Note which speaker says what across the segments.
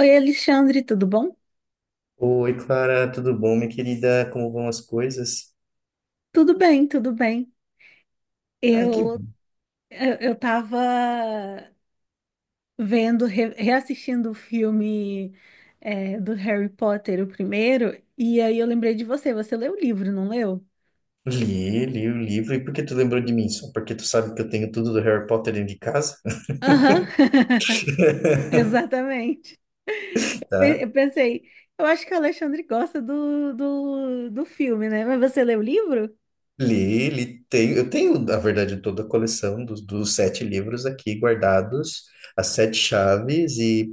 Speaker 1: Oi, Alexandre, tudo bom?
Speaker 2: Oi, Clara, tudo bom, minha querida? Como vão as coisas?
Speaker 1: Tudo bem, tudo bem.
Speaker 2: Ai, que
Speaker 1: Eu
Speaker 2: bom.
Speaker 1: eu tava vendo, reassistindo o filme, do Harry Potter, o primeiro, e aí eu lembrei de você. Você leu o livro, não leu?
Speaker 2: Li, o livro. E por que tu lembrou de mim? Só porque tu sabe que eu tenho tudo do Harry Potter dentro de casa,
Speaker 1: Aham. Exatamente.
Speaker 2: tá?
Speaker 1: Eu pensei, eu acho que o Alexandre gosta do filme, né? Mas você leu o livro?
Speaker 2: Li, li, tenho, eu tenho, na verdade, toda a coleção dos 7 livros aqui guardados, as 7 chaves e,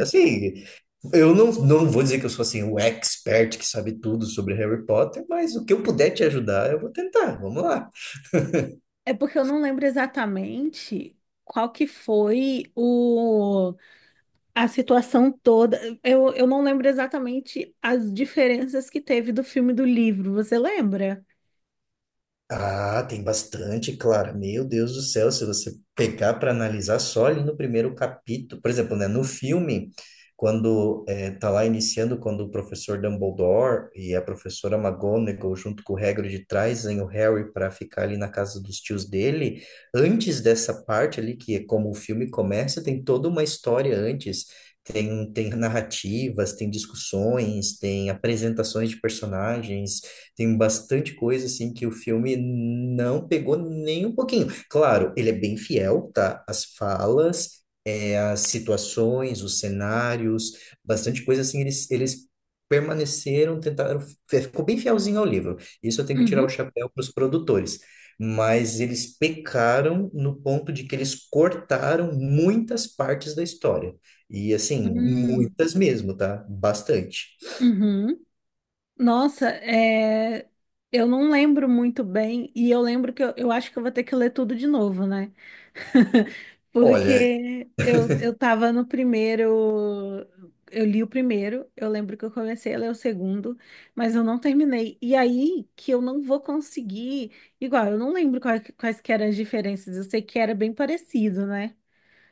Speaker 2: assim, eu não, vou dizer que eu sou, assim, o expert que sabe tudo sobre Harry Potter, mas o que eu puder te ajudar, eu vou tentar. Vamos lá.
Speaker 1: É porque eu não lembro exatamente qual que foi o. A situação toda, eu não lembro exatamente as diferenças que teve do filme e do livro, você lembra?
Speaker 2: Ah, tem bastante, Clara. Meu Deus do céu, se você pegar para analisar só ali no primeiro capítulo, por exemplo, né, no filme, quando tá lá iniciando, quando o professor Dumbledore e a professora McGonagall, junto com o Hagrid, trazem o Harry para ficar ali na casa dos tios dele, antes dessa parte ali, que é como o filme começa, tem toda uma história antes. Tem narrativas, tem discussões, tem apresentações de personagens, tem bastante coisa assim que o filme não pegou nem um pouquinho. Claro, ele é bem fiel, tá? As falas, é, as situações, os cenários, bastante coisa assim, eles permaneceram, tentaram, ficou bem fielzinho ao livro. Isso eu tenho que tirar o
Speaker 1: Uhum.
Speaker 2: chapéu para os produtores. Mas eles pecaram no ponto de que eles cortaram muitas partes da história. E assim,
Speaker 1: Hum.
Speaker 2: muitas mesmo, tá? Bastante.
Speaker 1: Uhum. Nossa, é, eu não lembro muito bem, e eu lembro que eu acho que eu vou ter que ler tudo de novo, né?
Speaker 2: Olha,
Speaker 1: Porque eu tava no primeiro, eu li o primeiro, eu lembro que eu comecei a ler o segundo, mas eu não terminei. E aí que eu não vou conseguir, igual, eu não lembro quais que eram as diferenças, eu sei que era bem parecido, né?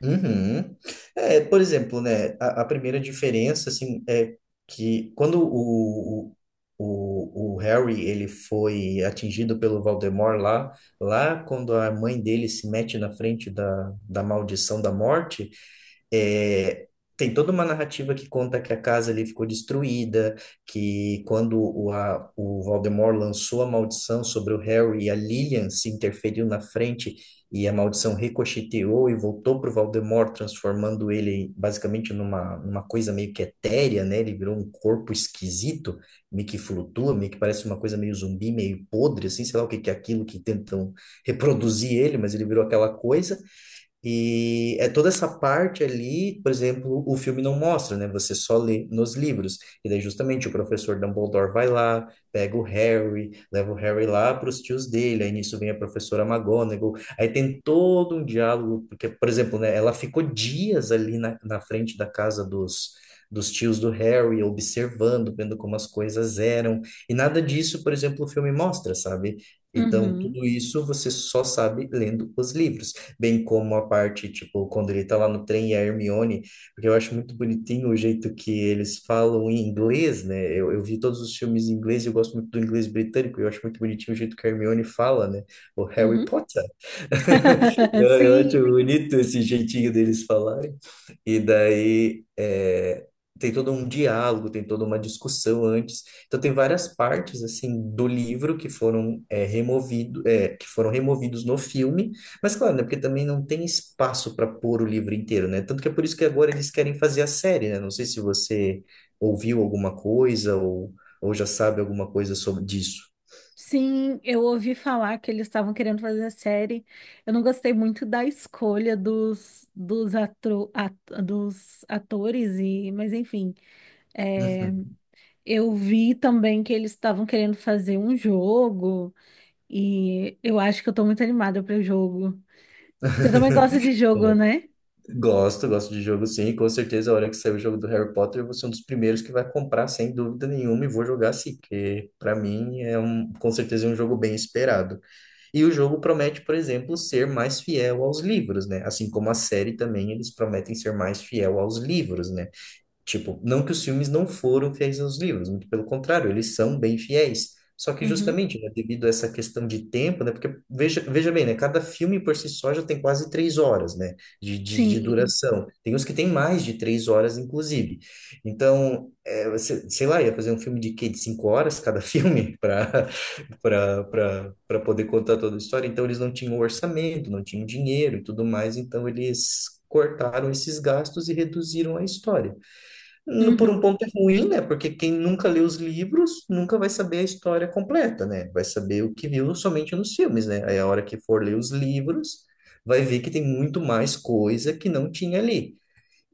Speaker 2: uhum. É, por exemplo, né, a primeira diferença, assim, é que quando o Harry, ele foi atingido pelo Voldemort lá, lá quando a mãe dele se mete na frente da maldição da morte, é, tem toda uma narrativa que conta que a casa ali ficou destruída, que quando o, a, o Voldemort lançou a maldição sobre o Harry, a Lilian se interferiu na frente e a maldição ricocheteou e voltou para o Valdemort, transformando ele basicamente numa coisa meio que etérea, né? Ele virou um corpo esquisito, meio que flutua, meio que parece uma coisa meio zumbi, meio podre, assim, sei lá o que que é aquilo que tentam reproduzir ele, mas ele virou aquela coisa. E é toda essa parte ali, por exemplo, o filme não mostra, né? Você só lê nos livros. E daí justamente o professor Dumbledore vai lá, pega o Harry, leva o Harry lá para os tios dele. Aí nisso vem a professora McGonagall. Aí tem todo um diálogo, porque, por exemplo, né, ela ficou dias ali na frente da casa dos tios do Harry, observando, vendo como as coisas eram. E nada disso, por exemplo, o filme mostra, sabe? Então,
Speaker 1: Uhum,
Speaker 2: tudo isso você só sabe lendo os livros, bem como a parte, tipo, quando ele tá lá no trem e a Hermione, porque eu acho muito bonitinho o jeito que eles falam em inglês, né? Eu vi todos os filmes em inglês e eu gosto muito do inglês britânico, e eu acho muito bonitinho o jeito que a Hermione fala, né? O Harry
Speaker 1: uhum.
Speaker 2: Potter. Eu acho
Speaker 1: Sim.
Speaker 2: bonito esse jeitinho deles falarem. E daí é, tem todo um diálogo, tem toda uma discussão antes. Então tem várias partes assim do livro que foram é, removido, é, que foram removidos no filme. Mas claro, né, porque também não tem espaço para pôr o livro inteiro, né? Tanto que é por isso que agora eles querem fazer a série, né? Não sei se você ouviu alguma coisa ou já sabe alguma coisa sobre disso.
Speaker 1: Sim, eu ouvi falar que eles estavam querendo fazer a série. Eu não gostei muito da escolha dos atores, e, mas enfim. É, eu vi também que eles estavam querendo fazer um jogo, e eu acho que eu tô muito animada para o jogo. Você também gosta de jogo, né?
Speaker 2: Gosto, gosto de jogo sim. Com certeza, a hora que sair o jogo do Harry Potter, eu vou ser um dos primeiros que vai comprar, sem dúvida nenhuma, e vou jogar sim, porque para mim é um, com certeza é um jogo bem esperado. E o jogo promete, por exemplo, ser mais fiel aos livros, né? Assim como a série também, eles prometem ser mais fiel aos livros, né? Tipo, não que os filmes não foram fiéis aos livros, muito pelo contrário, eles são bem fiéis. Só que
Speaker 1: Uhum.
Speaker 2: justamente, né, devido a essa questão de tempo, né, porque veja bem, né, cada filme por si só já tem quase 3 horas, né, de, de,
Speaker 1: Sim.
Speaker 2: de duração. Tem uns que tem mais de 3 horas, inclusive. Então, é, sei lá, ia fazer um filme de quê? De 5 horas cada filme para para para poder contar toda a história. Então, eles não tinham orçamento, não tinham dinheiro e tudo mais, então eles cortaram esses gastos e reduziram a história. Por um
Speaker 1: Uhum.
Speaker 2: ponto é ruim, né? Porque quem nunca lê os livros nunca vai saber a história completa, né? Vai saber o que viu somente nos filmes, né? Aí a hora que for ler os livros, vai ver que tem muito mais coisa que não tinha ali.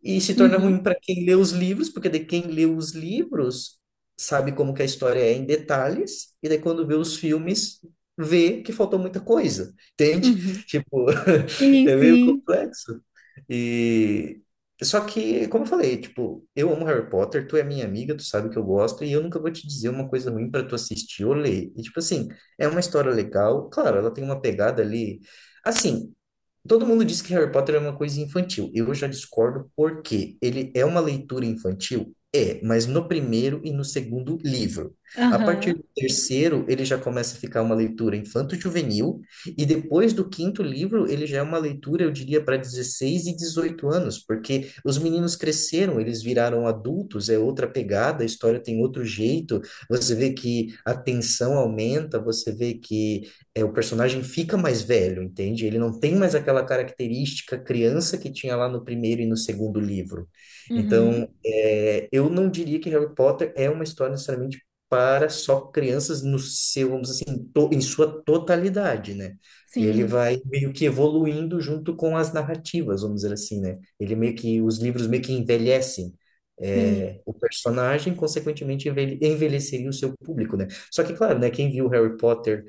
Speaker 2: E se torna
Speaker 1: Uhum.
Speaker 2: ruim para quem lê os livros, porque de quem lê os livros sabe como que a história é em detalhes, e daí quando vê os filmes, vê que faltou muita coisa, entende?
Speaker 1: Uhum.
Speaker 2: Tipo,
Speaker 1: Sim,
Speaker 2: é meio
Speaker 1: sim.
Speaker 2: complexo. E só que, como eu falei, tipo, eu amo Harry Potter, tu é minha amiga, tu sabe que eu gosto, e eu nunca vou te dizer uma coisa ruim para tu assistir ou ler. E tipo assim, é uma história legal, claro, ela tem uma pegada ali. Assim, todo mundo diz que Harry Potter é uma coisa infantil. Eu já discordo porque ele é uma leitura infantil, é, mas no primeiro e no segundo livro. A partir
Speaker 1: Aham.
Speaker 2: do terceiro, ele já começa a ficar uma leitura infanto-juvenil, e depois do quinto livro, ele já é uma leitura, eu diria, para 16 e 18 anos, porque os meninos cresceram, eles viraram adultos, é outra pegada, a história tem outro jeito, você vê que a tensão aumenta, você vê que é, o personagem fica mais velho, entende? Ele não tem mais aquela característica criança que tinha lá no primeiro e no segundo livro.
Speaker 1: Uhum.
Speaker 2: Então, é, eu não diria que Harry Potter é uma história necessariamente para só crianças no seu, vamos dizer assim, em sua totalidade, né? Ele
Speaker 1: Sim,
Speaker 2: vai meio que evoluindo junto com as narrativas, vamos dizer assim, né? Ele meio que, os livros meio que envelhecem.
Speaker 1: sim.
Speaker 2: É, o personagem, consequentemente, envelheceria o seu público, né? Só que, claro, né, quem viu Harry Potter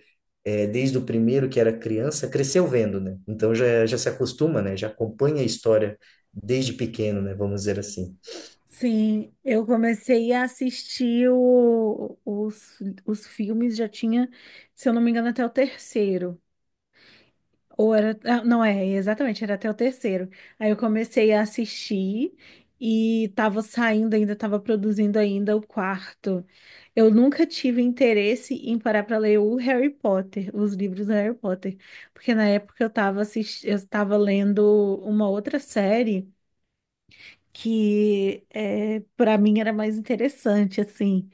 Speaker 2: é, desde o primeiro que era criança, cresceu vendo, né? Então já se acostuma, né? Já acompanha a história desde pequeno, né? Vamos dizer assim.
Speaker 1: Sim, eu comecei a assistir os filmes, já tinha, se eu não me engano, até o terceiro. Ou era. Ah, não é, exatamente, era até o terceiro. Aí eu comecei a assistir e tava saindo ainda, tava produzindo ainda o quarto. Eu nunca tive interesse em parar para ler o Harry Potter, os livros do Harry Potter, porque na época eu tava assistindo, eu estava lendo uma outra série que, é, para mim, era mais interessante, assim,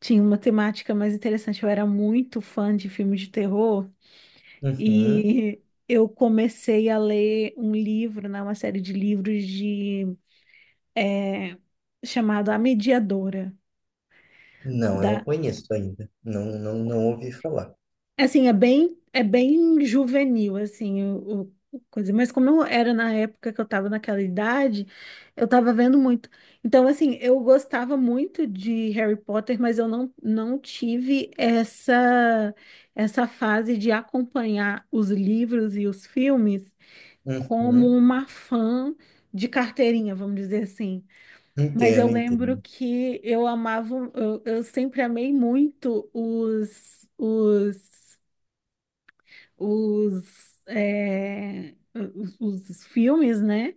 Speaker 1: tinha uma temática mais interessante. Eu era muito fã de filmes de terror
Speaker 2: Uhum.
Speaker 1: e eu comecei a ler um livro, né, uma série de livros de eh, chamado A Mediadora.
Speaker 2: Não, eu não
Speaker 1: Da.
Speaker 2: conheço ainda. Não, ouvi falar.
Speaker 1: Assim, é bem juvenil, assim, o coisa. Mas como eu era na época que eu tava naquela idade, eu tava vendo muito. Então, assim, eu gostava muito de Harry Potter, mas eu não tive essa, essa fase de acompanhar os livros e os filmes como
Speaker 2: Uhum.
Speaker 1: uma fã de carteirinha, vamos dizer assim. Mas eu
Speaker 2: Entendo,
Speaker 1: lembro
Speaker 2: entendo.
Speaker 1: que eu amava, eu sempre amei muito os, é, os, os filmes, né?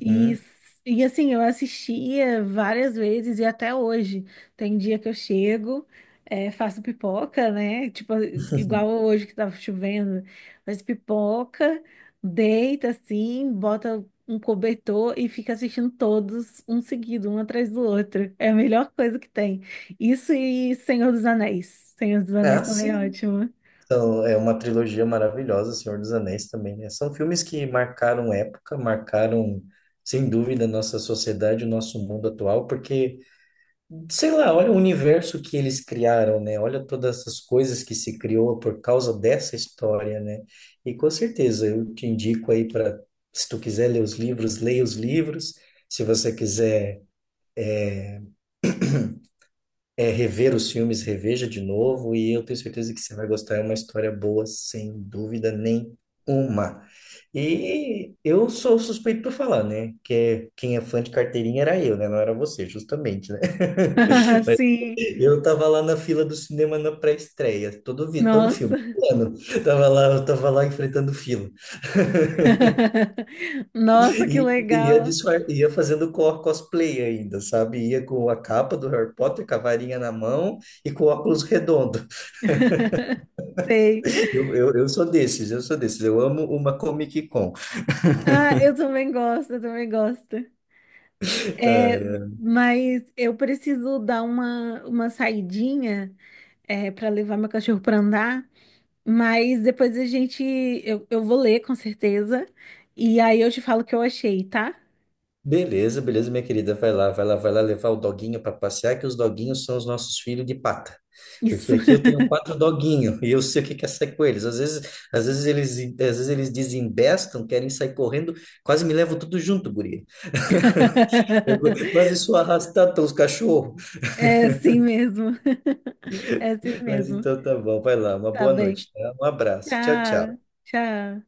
Speaker 1: E, e assim, eu assistia várias vezes e até hoje. Tem dia que eu chego, é, faço pipoca, né? Tipo, igual hoje que tava chovendo, faz pipoca, deita assim, bota um cobertor e fica assistindo todos um seguido, um atrás do outro. É a melhor coisa que tem. Isso e Senhor dos Anéis. Senhor dos Anéis
Speaker 2: Ah,
Speaker 1: também é
Speaker 2: sim.
Speaker 1: ótimo.
Speaker 2: Então, é uma trilogia maravilhosa, Senhor dos Anéis também, né? São filmes que marcaram época, marcaram, sem dúvida, a nossa sociedade, o nosso mundo atual, porque sei lá, olha o universo que eles criaram, né? Olha todas essas coisas que se criou por causa dessa história, né? E com certeza eu te indico aí para, se tu quiser ler os livros, leia os livros. Se você quiser é, rever os filmes, reveja de novo, e eu tenho certeza que você vai gostar. É uma história boa, sem dúvida nenhuma. E eu sou suspeito para falar, né? Que é, quem é fã de carteirinha era eu, né? Não era você, justamente, né? Mas
Speaker 1: Sim.
Speaker 2: eu tava lá na fila do cinema na pré-estreia, todo, vi, todo
Speaker 1: Nossa.
Speaker 2: filme. Mano, tava lá, eu tava lá enfrentando fila.
Speaker 1: Nossa, que
Speaker 2: E ia,
Speaker 1: legal.
Speaker 2: disfar... ia fazendo cosplay ainda, sabe? Ia com a capa do Harry Potter, com a varinha na mão e com óculos redondo.
Speaker 1: Sei.
Speaker 2: Eu sou desses, eu sou desses. Eu amo uma Comic Con.
Speaker 1: Ah, eu também gosto, eu também gosto. É,
Speaker 2: Ai, ai.
Speaker 1: mas eu preciso dar uma saidinha, é, para levar meu cachorro para andar. Mas depois a gente. Eu vou ler, com certeza. E aí eu te falo o que eu achei, tá?
Speaker 2: Beleza, beleza, minha querida. Vai lá, levar o doguinho para passear, que os doguinhos são os nossos filhos de pata. Porque
Speaker 1: Isso.
Speaker 2: aqui eu tenho 4 doguinhos e eu sei o que que é sair com eles. Às vezes, às vezes eles desembestam, querem sair correndo, quase me levam tudo junto, guria. Eu quase sou arrastado pelos cachorros.
Speaker 1: É assim mesmo. É assim
Speaker 2: Mas
Speaker 1: mesmo.
Speaker 2: então tá bom, vai lá, uma
Speaker 1: Tá
Speaker 2: boa
Speaker 1: bem.
Speaker 2: noite, tá? Um abraço, tchau,
Speaker 1: Tchau,
Speaker 2: tchau.
Speaker 1: tchau.